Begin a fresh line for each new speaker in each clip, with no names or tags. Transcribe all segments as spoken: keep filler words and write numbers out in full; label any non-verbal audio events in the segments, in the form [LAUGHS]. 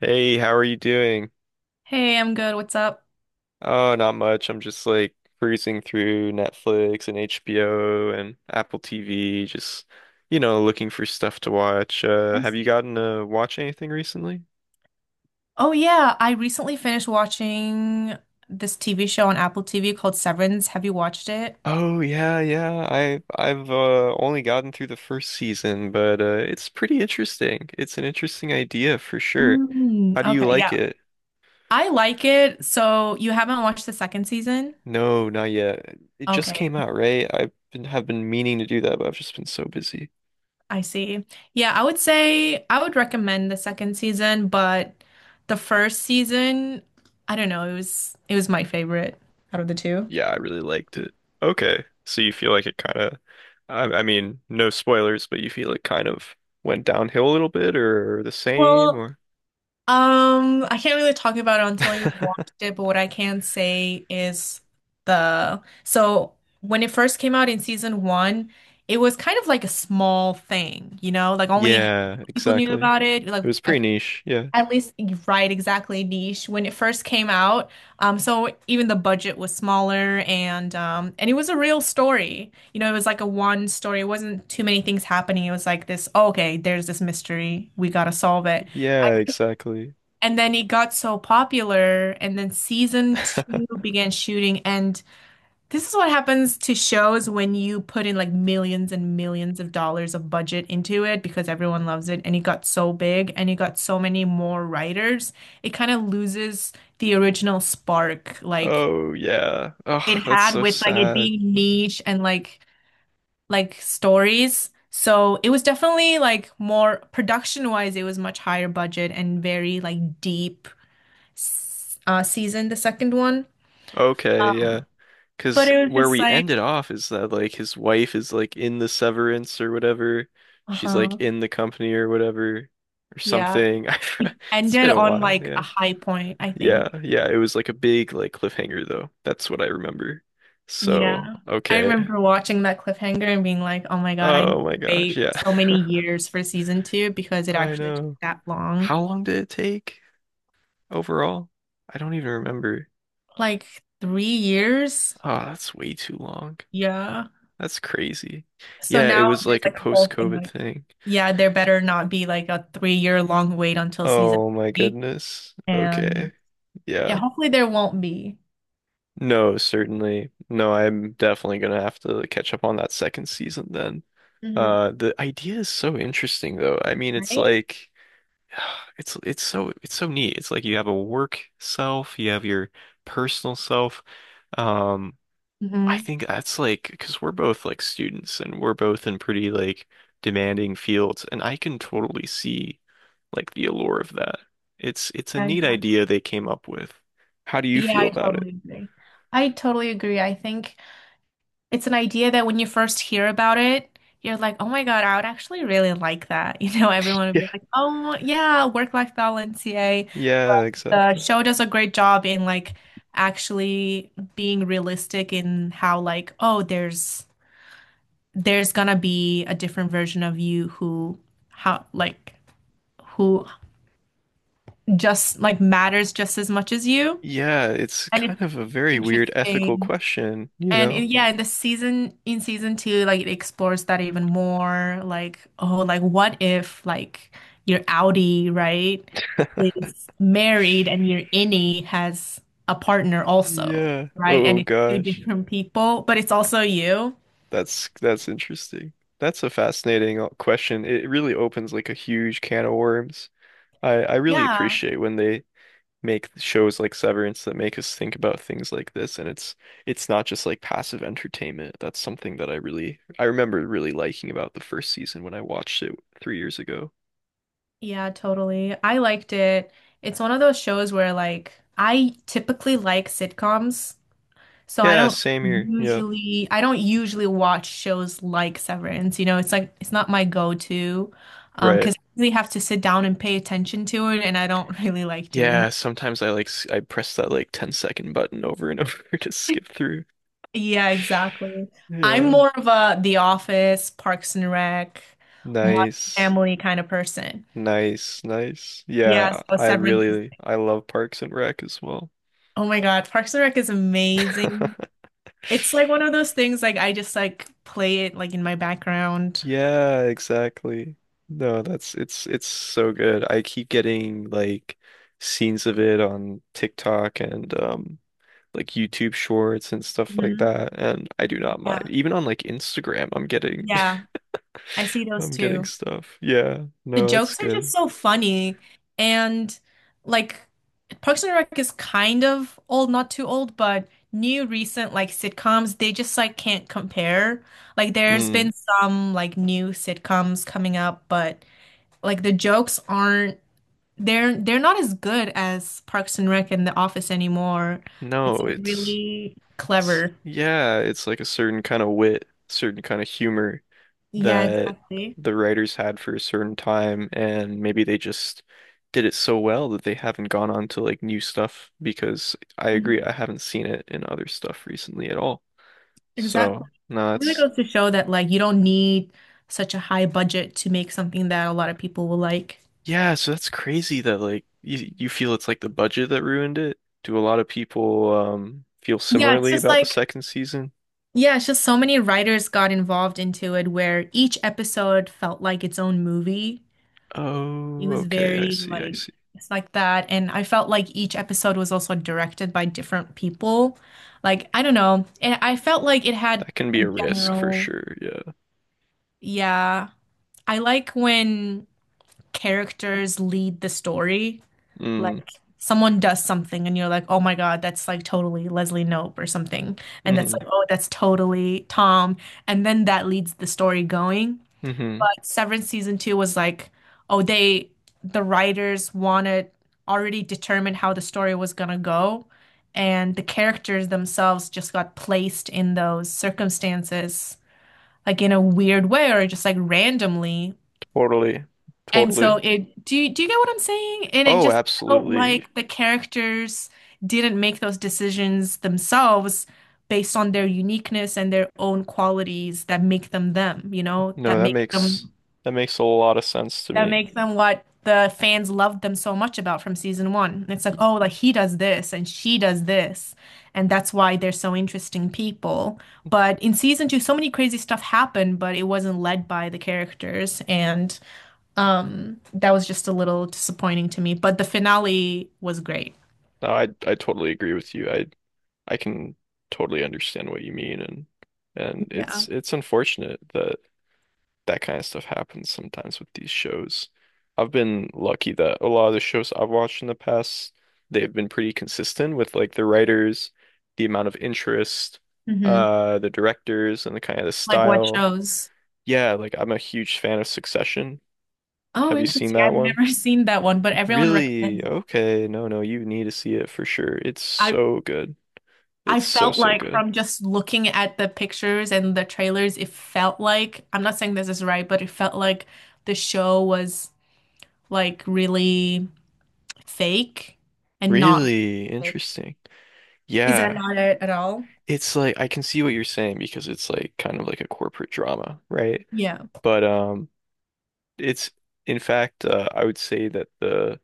Hey, how are you doing?
Hey, I'm good. What's up?
Oh, not much. I'm just like cruising through Netflix and H B O and Apple T V, just, you know, looking for stuff to watch. Uh,
I
have you
see.
gotten to watch anything recently?
Oh yeah, I recently finished watching this T V show on Apple T V called Severance. Have you watched it?
Oh yeah, yeah. I I've uh, only gotten through the first season, but uh, it's pretty interesting. It's an interesting idea for sure.
Mm,
How do you
okay, yeah.
like it?
I like it. So you haven't watched the second season?
No, not yet. It just
Okay,
came out, right? I've been have been meaning to do that, but I've just been so busy.
I see. Yeah, I would say I would recommend the second season, but the first season, I don't know, it was it was my favorite out of the two.
Yeah, I really liked it. Okay. So you feel like it kind of, I, I mean, no spoilers, but you feel it kind of went downhill a little bit or the same
Well,
or
um, I can't really talk about it until you've watched
[LAUGHS]
it, but what I can say is the so when it first came out in season one, it was kind of like a small thing, you know, like only a handful
Yeah,
of people knew
exactly.
about it, like
It was pretty
at
niche. Yeah.
at least right, exactly niche when it first came out. Um, so even the budget was smaller and um and it was a real story. You know, it was like a one story. It wasn't too many things happening. It was like this, oh, okay, there's this mystery. We gotta solve it.
Yeah, exactly.
And then it got so popular, and then season two
[LAUGHS]
began shooting. And this is what happens to shows when you put in like millions and millions of dollars of budget into it because everyone loves it. And it got so big and it got so many more writers. It kind of loses the original spark like
Oh, yeah.
it
Oh, that's
had
so
with like it
sad.
being niche and like like stories. So it was definitely like more production wise, it was much higher budget and very like deep s- uh, season, the second one.
Okay, yeah.
Um, But
'Cause
it was
where
just
we
like,
ended off is that like his wife is like in the severance or whatever. She's like
uh-huh,
in the company or whatever or
yeah,
something.
it
[LAUGHS] It's
ended
been a
on
while,
like a
yeah.
high point, I
Yeah,
think.
yeah, it was like a big like cliffhanger though. That's what I remember. So,
Yeah. I
okay.
remember watching that cliffhanger and being like, oh my God, I need
Oh my
to
gosh,
wait
yeah.
so many years for season two because
[LAUGHS]
it
I
actually took
know.
that long.
How long did it take overall? I don't even remember.
Like three years?
Oh, that's way too long.
Yeah.
That's crazy.
So
Yeah, it
now
was
there's
like a
like a whole thing
post-COVID
like,
thing.
yeah, there better not be like a three year long wait until season
Oh my
three.
goodness.
And
Okay.
yeah,
Yeah.
hopefully there won't be.
No, certainly. No, I'm definitely gonna have to like, catch up on that second season then.
Hmm.
Uh, the idea is so interesting though. I mean, it's
Right?
like [SIGHS] it's it's so it's so neat. It's like you have a work self, you have your personal self. Um, I
Hmm.
think that's like because we're both like students and we're both in pretty like demanding fields, and I can totally see like the allure of that. It's it's a
Yeah,
neat
exactly.
idea they came up with. How do you
Yeah,
feel
I
about it?
totally agree. I totally agree. I think it's an idea that when you first hear about it, you're like, oh my God, I would actually really like that. [LAUGHS] You know, everyone would be like, oh yeah, work-life balance, yay. But
Yeah,
the
exactly.
show does a great job in like actually being realistic in how like, oh, there's there's gonna be a different version of you who how like who just like matters just as much as you.
Yeah, it's
And it's
kind of a very weird ethical
interesting.
question, you
And in,
know?
yeah, in the season in season two, like it explores that even more. Like, oh, like what if like your Audi, right, is married and your innie has a partner also,
Yeah.
right? And
Oh
it's two
gosh.
different people, but it's also you.
That's that's interesting. That's a fascinating uh, question. It really opens like a huge can of worms. I I really
Yeah.
appreciate when they make shows like Severance that make us think about things like this and it's it's not just like passive entertainment. That's something that I really I remember really liking about the first season when I watched it three years ago.
Yeah, totally. I liked it. It's one of those shows where like I typically like sitcoms. So I
Yeah,
don't
same here. Yeah.
usually I don't usually watch shows like Severance. You know, it's like it's not my go-to um
Right.
because I really have to sit down and pay attention to it and I don't [LAUGHS] really like doing
Yeah,
that.
sometimes I like s- I press that like ten second button over and over [LAUGHS] to skip through.
Yeah, exactly. I'm
Yeah.
more of a The Office, Parks and Rec, Modern
Nice.
Family kind of person.
Nice, nice.
Yeah,
Yeah,
so
I
Severance is,
really I love Parks and Rec as well.
oh my God, Parks and Rec is amazing.
[LAUGHS]
It's like one of those things like I just like play it like in my background.
Yeah, exactly. No, that's it's it's so good. I keep getting like scenes of it on TikTok and um like YouTube shorts and stuff like
Mhm.
that, and I do not mind.
Yeah.
Even on like Instagram, I'm getting
Yeah, I see those
I'm getting
too.
stuff. Yeah,
The
no, that's
jokes are just
good.
so funny. And like Parks and Rec is kind of old, not too old, but new recent like sitcoms, they just like can't compare. Like there's
Mm.
been some like new sitcoms coming up, but like the jokes aren't they're they're not as good as Parks and Rec and The Office anymore. It's
No,
like
it's,
really
it's
clever.
yeah, it's like a certain kind of wit, certain kind of humor
Yeah,
that
exactly.
the writers had for a certain time, and maybe they just did it so well that they haven't gone on to like new stuff because I
Mhm.
agree, I haven't seen it in other stuff recently at all.
Exactly.
So, no,
It really
that's
goes to show that like you don't need such a high budget to make something that a lot of people will like.
yeah, so that's crazy that like you you feel it's like the budget that ruined it. Do a lot of people um feel
Yeah, it's
similarly
just
about the
like
second season?
yeah, it's just so many writers got involved into it where each episode felt like its own movie. It
Oh,
was
okay, I
very
see, I
like
see.
it's like that and I felt like each episode was also directed by different people. Like I don't know, and I felt like it had
That can be
a
a risk for
general
sure, yeah.
yeah. I like when characters lead the story.
Mm,
Like someone does something and you're like, oh my God, that's like totally Leslie Knope or something. And that's
mm-hmm,
like, oh, that's totally Tom. And then that leads the story going.
mm-hmm.
But Severance season two was like, oh, they, the writers wanted already determined how the story was gonna go. And the characters themselves just got placed in those circumstances, like in a weird way or just like randomly
Totally,
and
totally.
so it do you do you get what I'm saying? And it
Oh,
just felt
absolutely.
like the characters didn't make those decisions themselves based on their uniqueness and their own qualities that make them them, you know,
No,
that
that
make
makes
them
that makes a lot of sense to
that
me.
make them what the fans loved them so much about from season one. It's like, oh, like he does this and she does this, and that's why they're so interesting people. But in season two, so many crazy stuff happened, but it wasn't led by the characters and um, that was just a little disappointing to me, but the finale was great.
No, I I totally agree with you. I I can totally understand what you mean and and
Yeah.
it's it's unfortunate that that kind of stuff happens sometimes with these shows. I've been lucky that a lot of the shows I've watched in the past, they've been pretty consistent with like the writers, the amount of interest,
Hmm.
uh, the directors and the kind of the
Like what
style.
shows?
Yeah, like I'm a huge fan of Succession.
Oh,
Have you seen
interesting.
that
I've
one?
never [LAUGHS] seen that one, but everyone
Really?
recommends it.
Okay. No, no, you need to see it for sure. It's
I
so good.
I
It's so,
felt
so
like
good.
from just looking at the pictures and the trailers, it felt like, I'm not saying this is right, but it felt like the show was like really fake and not
Really
authentic.
interesting.
Is that
Yeah.
not it at all?
It's like I can see what you're saying because it's like kind of like a corporate drama, right?
Yeah.
But um it's in fact uh, I would say that the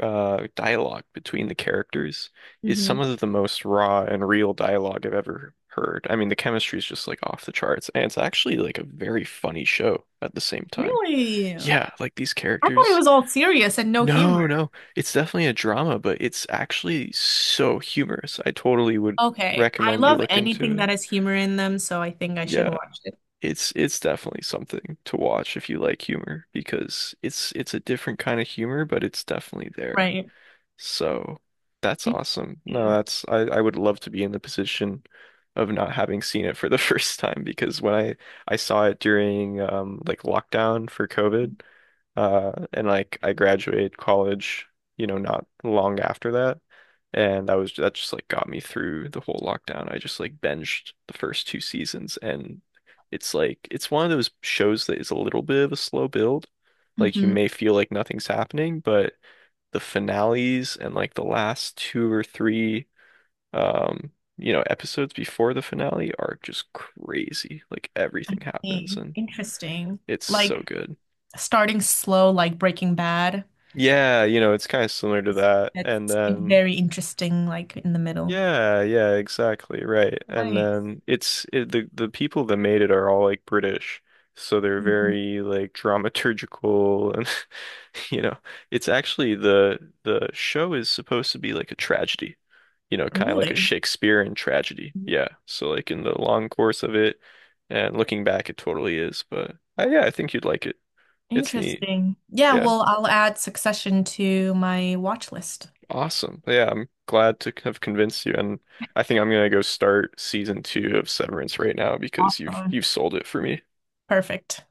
uh dialogue between the characters is some
Hmm.
of the most raw and real dialogue I've ever heard. I mean, the chemistry is just like off the charts and it's actually like a very funny show at the same time.
Really?
Yeah,
I
like these
thought it
characters.
was all serious and no
No,
humor.
no, it's definitely a drama, but it's actually so humorous. I totally would
Okay. I
recommend you
love
look into
anything that
it.
has humor in them, so I think I should
Yeah.
watch it.
It's it's definitely something to watch if you like humor because it's it's a different kind of humor, but it's definitely there.
Right.
So that's awesome. No,
Interesting.
that's I, I would love to be in the position of not having seen it for the [LAUGHS] first time because when I I saw it during um like lockdown for COVID, uh, and like I graduated college, you know, not long after that. And that was that just like got me through the whole lockdown. I just like binged the first two seasons and it's like it's one of those shows that is a little bit of a slow build. Like you
Hmm.
may feel like nothing's happening, but the finales and like the last two or three um, you know, episodes before the finale are just crazy. Like everything happens and
Interesting.
it's
Like
so good.
starting slow, like Breaking Bad.
Yeah, you know, it's kind of similar to that. And
That's
then
very interesting, like in the middle.
yeah, yeah, exactly, right. And
Nice.
then it's it, the the people that made it are all like British. So they're
Mhm.
very like dramaturgical and [LAUGHS] you know, it's actually the the show is supposed to be like a tragedy. You know, kind of like a
Really?
Shakespearean tragedy. Yeah. So like in the long course of it and looking back it totally is, but uh, yeah, I think you'd like it. It's neat.
Interesting. Yeah,
Yeah.
well, I'll add Succession to my watch list.
Awesome. Yeah, I'm glad to have convinced you, and I think I'm gonna go start season two of Severance right now because you've
Awesome.
you've sold it for me.
Perfect.